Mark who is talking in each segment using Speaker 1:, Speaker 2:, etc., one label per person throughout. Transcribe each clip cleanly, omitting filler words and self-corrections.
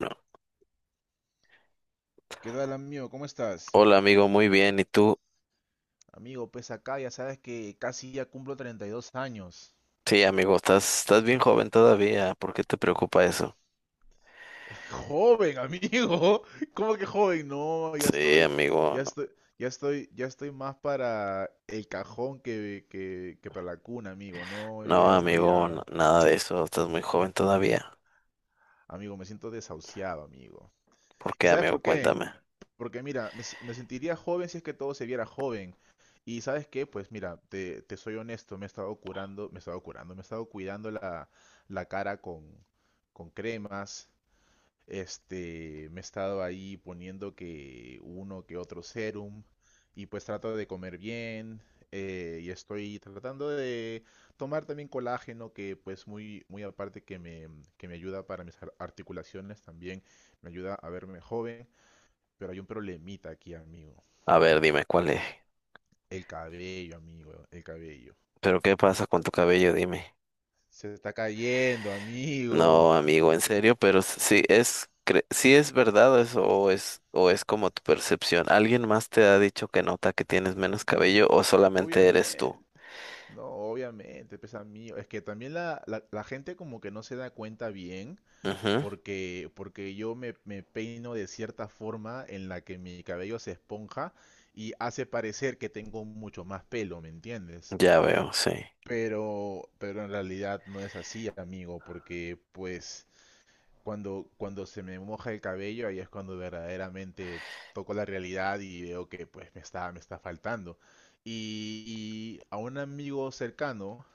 Speaker 1: No.
Speaker 2: ¿Qué tal, amigo? ¿Cómo estás?
Speaker 1: Hola amigo, muy bien. ¿Y tú?
Speaker 2: Amigo, pues acá ya sabes que casi ya cumplo 32 años.
Speaker 1: Sí, amigo, estás bien joven todavía. ¿Por qué te preocupa eso?
Speaker 2: Joven, amigo. ¿Cómo que joven? No, ya
Speaker 1: Sí,
Speaker 2: estoy,
Speaker 1: amigo,
Speaker 2: ya
Speaker 1: no.
Speaker 2: estoy, ya estoy, ya estoy más para el cajón que para la cuna, amigo. No, yo
Speaker 1: No,
Speaker 2: ya estoy
Speaker 1: amigo,
Speaker 2: ya,
Speaker 1: nada de eso. Estás muy joven todavía.
Speaker 2: amigo, me siento desahuciado, amigo.
Speaker 1: ¿Por
Speaker 2: ¿Y
Speaker 1: qué,
Speaker 2: sabes
Speaker 1: amigo?
Speaker 2: por qué?
Speaker 1: Cuéntame.
Speaker 2: Porque mira, me sentiría joven si es que todo se viera joven. Y ¿sabes qué? Pues mira, te soy honesto, me he estado curando, me he estado cuidando la cara con cremas. Este, me he estado ahí poniendo que uno que otro serum. Y pues trato de comer bien. Y estoy tratando de tomar también colágeno, que pues muy, muy aparte que me ayuda para mis articulaciones también, me ayuda a verme joven. Pero hay un problemita aquí, amigo.
Speaker 1: A ver, dime cuál es.
Speaker 2: El cabello, amigo, el cabello.
Speaker 1: ¿Pero qué pasa con tu cabello? Dime.
Speaker 2: Se está cayendo,
Speaker 1: No,
Speaker 2: amigo.
Speaker 1: amigo, en serio, pero sí es verdad eso o es como tu percepción. ¿Alguien más te ha dicho que nota que tienes menos cabello o solamente eres
Speaker 2: Obviamente.
Speaker 1: tú?
Speaker 2: No, obviamente, pues amigo. Es que también la gente como que no se da cuenta bien
Speaker 1: Ujú.
Speaker 2: porque yo me peino de cierta forma en la que mi cabello se esponja y hace parecer que tengo mucho más pelo, ¿me entiendes?
Speaker 1: Ya veo, sí.
Speaker 2: Pero en realidad no es así, amigo, porque pues cuando se me moja el cabello, ahí es cuando verdaderamente toco la realidad y veo que pues me está faltando. Y, y a un amigo cercano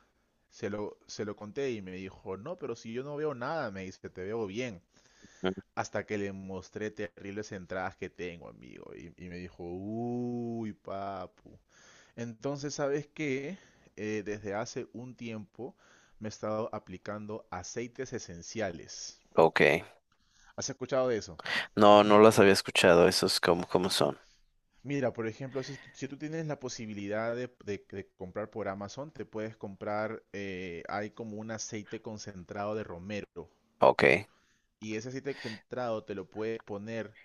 Speaker 2: se lo conté y me dijo, no, pero si yo no veo nada, me dice, te veo bien.
Speaker 1: Mm.
Speaker 2: Hasta que le mostré terribles entradas que tengo, amigo. Y me dijo, uy, papu. Entonces, ¿sabes qué? Desde hace un tiempo me he estado aplicando aceites esenciales.
Speaker 1: Ok.
Speaker 2: ¿Has escuchado de eso?
Speaker 1: No, no las había escuchado. Esos como, como son.
Speaker 2: Mira, por ejemplo, si tú tienes la posibilidad de comprar por Amazon, te puedes comprar, hay como un aceite concentrado de romero.
Speaker 1: Ok.
Speaker 2: Y ese aceite concentrado te lo puedes poner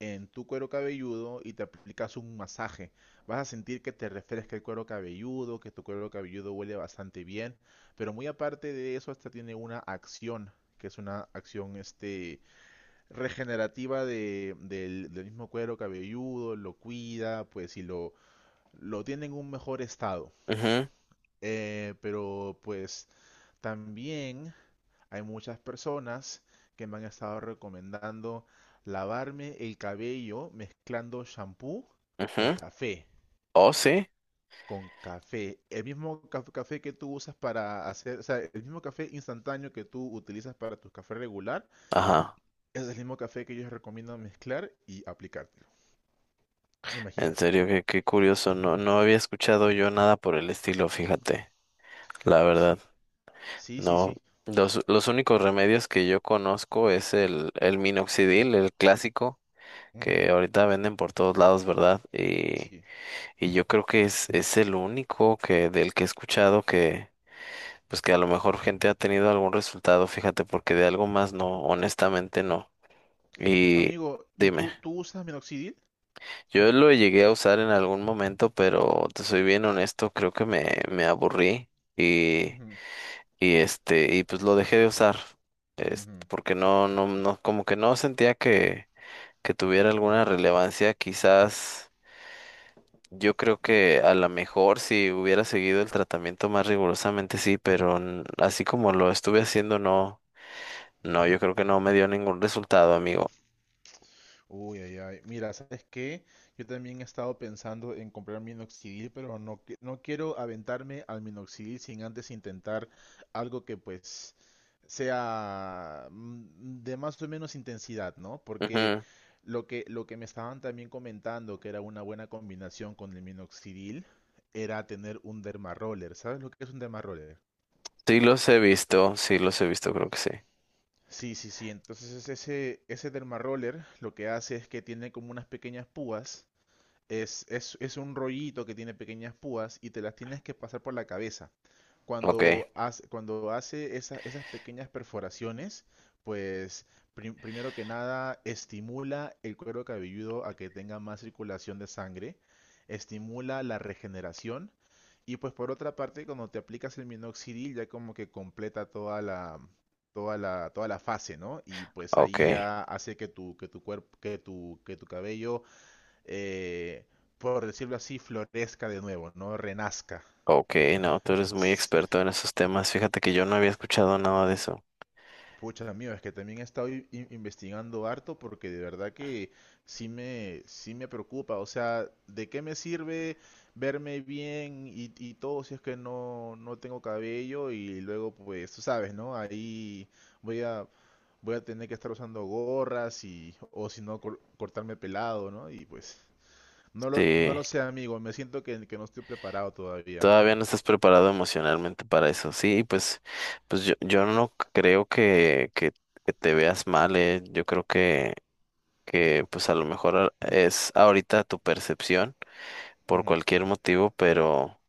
Speaker 2: en tu cuero cabelludo y te aplicas un masaje. Vas a sentir que te refresca el cuero cabelludo, que tu cuero cabelludo huele bastante bien. Pero muy aparte de eso, hasta tiene una acción, que es una acción regenerativa del mismo cuero cabelludo, lo cuida, pues si lo lo tiene en un mejor estado.
Speaker 1: Ujú,
Speaker 2: Pero pues también hay muchas personas que me han estado recomendando lavarme el cabello mezclando shampoo con
Speaker 1: ujú.
Speaker 2: café.
Speaker 1: Oh, sí.
Speaker 2: Con café. El mismo café que tú usas para hacer, o sea, el mismo café instantáneo que tú utilizas para tu café regular,
Speaker 1: Ajá.
Speaker 2: es el mismo café que yo recomiendo mezclar y aplicártelo.
Speaker 1: En
Speaker 2: Imagínate.
Speaker 1: serio, qué curioso. No, no había escuchado yo nada por el estilo, fíjate. La verdad,
Speaker 2: Sí, sí, sí,
Speaker 1: no.
Speaker 2: sí.
Speaker 1: Los únicos remedios que yo conozco es el minoxidil, el clásico,
Speaker 2: Ujú,
Speaker 1: que ahorita venden por todos lados, ¿verdad?
Speaker 2: sí.
Speaker 1: Y yo creo que es el único que, del que he escuchado que, pues que a lo mejor gente ha tenido algún resultado, fíjate, porque de algo más no, honestamente no. Y
Speaker 2: Amigo, ¿y
Speaker 1: dime,
Speaker 2: tú usas minoxidil?
Speaker 1: yo lo llegué a usar en algún momento, pero te soy bien honesto, creo que me aburrí y,
Speaker 2: Ujú,
Speaker 1: y y pues lo dejé de usar, es
Speaker 2: ujú.
Speaker 1: porque no, no, no, como que no sentía que tuviera alguna relevancia, quizás yo creo que a lo mejor si hubiera seguido el tratamiento más rigurosamente sí, pero así como lo estuve haciendo, no, no, yo creo que no me dio ningún resultado, amigo.
Speaker 2: Uy, ay, ay. Mira, ¿sabes qué? Yo también he estado pensando en comprar minoxidil, pero no, no quiero aventarme al minoxidil sin antes intentar algo que pues sea de más o menos intensidad, ¿no? Porque
Speaker 1: Ujú.
Speaker 2: lo que me estaban también comentando que era una buena combinación con el minoxidil era tener un dermaroller. ¿Sabes lo que es un dermaroller?
Speaker 1: Sí los he visto, sí los he visto, creo que sí.
Speaker 2: Sí, sí, sí. Entonces ese dermaroller lo que hace es que tiene como unas pequeñas púas. Es un rollito que tiene pequeñas púas y te las tienes que pasar por la cabeza.
Speaker 1: Ok,
Speaker 2: Cuando hace esas pequeñas perforaciones, pues primero que nada estimula el cuero cabelludo a que tenga más circulación de sangre, estimula la regeneración y pues por otra parte cuando te aplicas el minoxidil ya como que completa toda la, toda la, toda la fase, ¿no? Y pues
Speaker 1: ok,
Speaker 2: ahí ya hace que tu cuerpo, que tu cabello eh, por decirlo así, florezca de nuevo, ¿no? Renazca.
Speaker 1: ok, no, tú eres muy experto en esos temas. Fíjate que yo no había escuchado nada de eso.
Speaker 2: Pucha, amigo, es que también he estado investigando harto porque de verdad que sí me preocupa. O sea, ¿de qué me sirve verme bien y todo si es que no, no tengo cabello? Y luego, pues, tú sabes, ¿no? Ahí voy a, voy a tener que estar usando gorras y, o si no, cortarme pelado, ¿no? Y pues, no
Speaker 1: Sí,
Speaker 2: lo sé, amigo, me siento que no estoy preparado todavía.
Speaker 1: todavía no estás preparado emocionalmente para eso. Sí, pues, pues yo no creo que te veas mal, eh. Yo creo que pues a lo mejor es ahorita tu percepción por
Speaker 2: Ujú,
Speaker 1: cualquier motivo,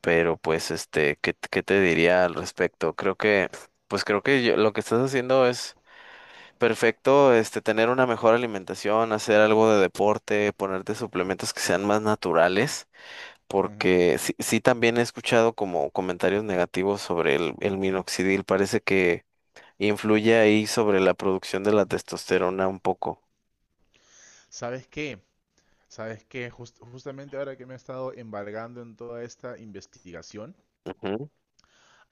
Speaker 1: pero pues este, ¿ qué te diría al respecto? Creo que, pues creo que lo que estás haciendo es perfecto, este, tener una mejor alimentación, hacer algo de deporte, ponerte suplementos que sean más naturales,
Speaker 2: ujú.
Speaker 1: porque sí, sí también he escuchado como comentarios negativos sobre el minoxidil, parece que influye ahí sobre la producción de la testosterona un poco.
Speaker 2: ¿Sabes qué? ¿Sabes qué? Justamente ahora que me he estado embargando en toda esta investigación,
Speaker 1: Ujú.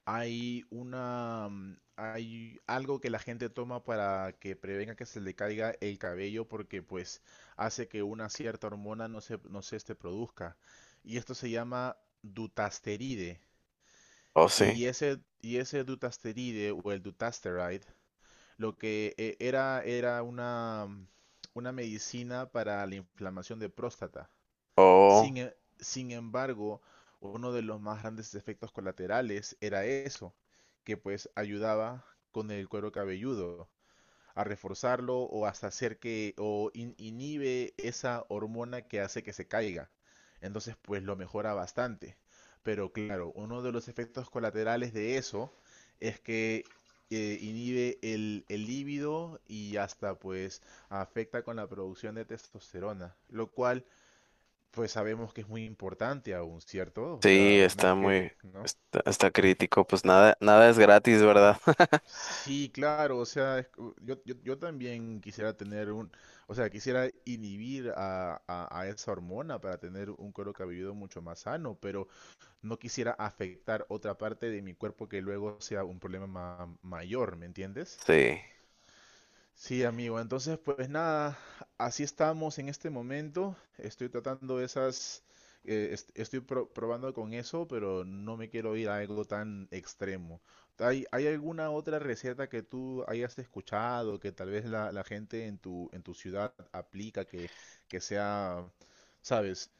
Speaker 2: hay una, hay algo que la gente toma para que prevenga que se le caiga el cabello porque pues hace que una cierta hormona no se produzca. Y esto se llama dutasteride.
Speaker 1: Oh, sí.
Speaker 2: Y ese dutasteride o el dutasteride lo que era una medicina para la inflamación de próstata.
Speaker 1: Oh,
Speaker 2: Sin embargo, uno de los más grandes efectos colaterales era eso, que pues ayudaba con el cuero cabelludo a reforzarlo o hasta hacer que o inhibe esa hormona que hace que se caiga. Entonces, pues lo mejora bastante. Pero claro, uno de los efectos colaterales de eso es que inhibe el líbido y hasta pues afecta con la producción de testosterona, lo cual pues sabemos que es muy importante aún, ¿cierto? O
Speaker 1: sí,
Speaker 2: sea, no es
Speaker 1: está
Speaker 2: que,
Speaker 1: muy,
Speaker 2: ¿no?
Speaker 1: está, está crítico, pues nada, nada es gratis, ¿verdad?
Speaker 2: Sí, claro, o sea, yo, yo, yo también quisiera tener un, o sea, quisiera inhibir a esa hormona para tener un cuero cabelludo mucho más sano, pero no quisiera afectar otra parte de mi cuerpo que luego sea un problema mayor, ¿me entiendes?
Speaker 1: Sí.
Speaker 2: Sí, amigo. Entonces, pues nada, así estamos en este momento. Estoy tratando esas, estoy probando con eso, pero no me quiero ir a algo tan extremo. Hay alguna otra receta que tú hayas escuchado, que tal vez la gente en tu ciudad aplica, que sea, sabes,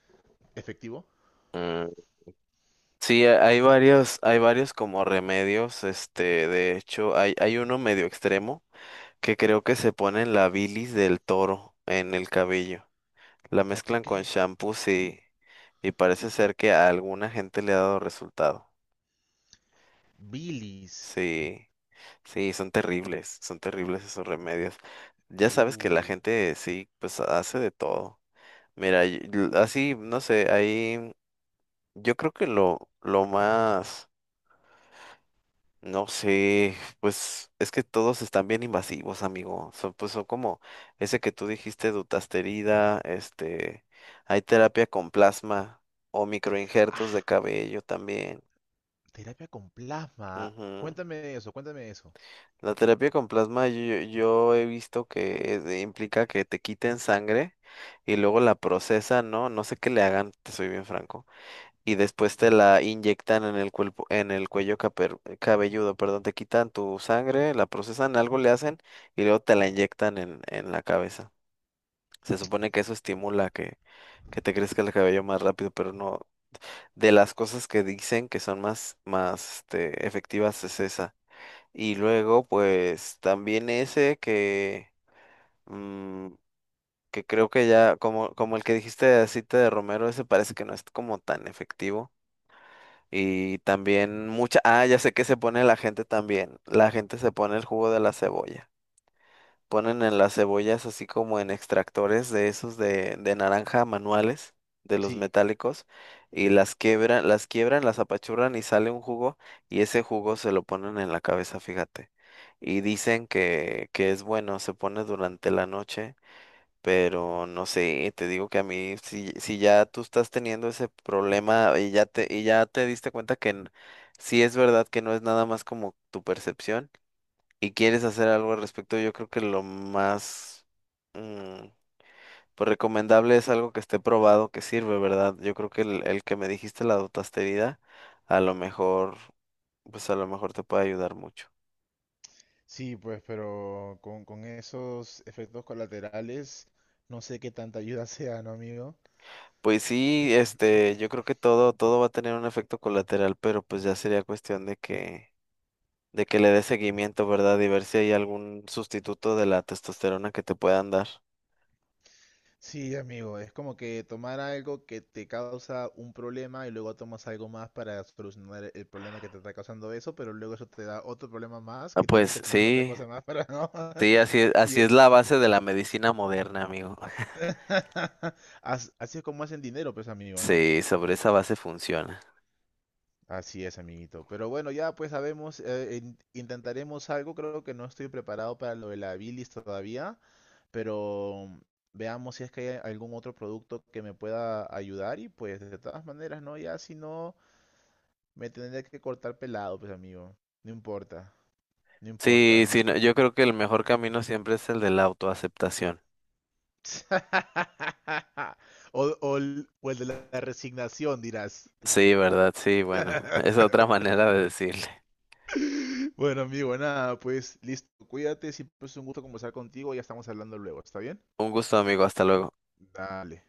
Speaker 2: efectivo?
Speaker 1: Sí, hay varios como remedios, este, de hecho, hay uno medio extremo que creo que se pone en la bilis del toro en el cabello. La
Speaker 2: No te
Speaker 1: mezclan con
Speaker 2: creo.
Speaker 1: shampoos y parece ser que a alguna gente le ha dado resultado.
Speaker 2: Bilis.
Speaker 1: Sí, sí, son terribles esos remedios. Ya sabes que la
Speaker 2: Uh.
Speaker 1: gente sí, pues hace de todo. Mira, así, no sé, ahí yo creo que lo más. No sé, pues es que todos están bien invasivos, amigo. Son, pues son como ese que tú dijiste, dutasterida, este, hay terapia con plasma o microinjertos de
Speaker 2: Ah,
Speaker 1: cabello también.
Speaker 2: terapia con plasma.
Speaker 1: Ujú.
Speaker 2: Cuéntame eso, cuéntame eso.
Speaker 1: La terapia con plasma yo, yo he visto que es implica que te quiten sangre y luego la procesan, ¿no? No sé qué le hagan, te soy bien franco. Y después te la inyectan en el cuerpo, en el cabelludo, perdón, te quitan tu sangre, la procesan, algo le hacen y luego te la inyectan en la cabeza. Se supone que eso estimula que te crezca el cabello más rápido, pero no. De las cosas que dicen que son más, más este, efectivas es esa. Y luego, pues, también ese que, mm, que creo que ya, como, como el que dijiste de aceite de romero, ese parece que no es como tan efectivo. Y también mucha... Ah, ya sé que se pone la gente también. La gente se pone el jugo de la cebolla. Ponen en las cebollas así como en extractores de esos de naranja manuales, de los metálicos, y las quiebran, las quiebran, las apachurran y sale un jugo y ese jugo se lo ponen en la cabeza, fíjate. Y dicen que es bueno, se pone durante la noche. Pero no sé, te digo que a mí, si, si ya tú estás teniendo ese problema y ya y ya te diste cuenta que sí es verdad que no es nada más como tu percepción y quieres hacer algo al respecto, yo creo que lo más mm, pues recomendable es algo que esté probado, que sirve, ¿verdad? Yo creo que el que me dijiste, la dotasterida, a lo mejor, pues a lo mejor te puede ayudar mucho.
Speaker 2: Sí, pues, con esos efectos colaterales, no sé qué tanta ayuda sea, ¿no, amigo?
Speaker 1: Pues sí, este, yo creo que todo, todo va a tener un efecto
Speaker 2: Mm.
Speaker 1: colateral, pero pues ya sería cuestión de que le dé seguimiento, ¿verdad? Y ver si hay algún sustituto de la testosterona que te puedan dar.
Speaker 2: Sí, amigo, es como que tomar algo que te causa un problema y luego tomas algo más para solucionar el problema que te está causando eso, pero luego eso te da otro problema más
Speaker 1: Ah,
Speaker 2: que tienes
Speaker 1: pues
Speaker 2: que tomar otra
Speaker 1: sí,
Speaker 2: cosa más para no.
Speaker 1: sí,
Speaker 2: Y
Speaker 1: así
Speaker 2: es-
Speaker 1: es la base de la medicina moderna, amigo.
Speaker 2: Así es como hacen dinero, pues, amigo, ¿no?
Speaker 1: Sí, sobre esa base funciona.
Speaker 2: Así es, amiguito. Pero bueno, ya pues sabemos, intentaremos algo. Creo que no estoy preparado para lo de la bilis todavía, pero veamos si es que hay algún otro producto que me pueda ayudar y pues de todas maneras, ¿no? Ya si no, me tendré que cortar pelado, pues amigo. No importa, no
Speaker 1: Sí,
Speaker 2: importa.
Speaker 1: sí, no, yo creo que el mejor camino siempre es el de la autoaceptación.
Speaker 2: O, o el de la resignación, dirás.
Speaker 1: Sí, ¿verdad? Sí, bueno, es otra manera de decirle.
Speaker 2: Bueno, amigo, nada, pues listo. Cuídate, siempre es un gusto conversar contigo. Ya estamos hablando luego, ¿está bien?
Speaker 1: Un gusto, amigo, hasta luego.
Speaker 2: Dale.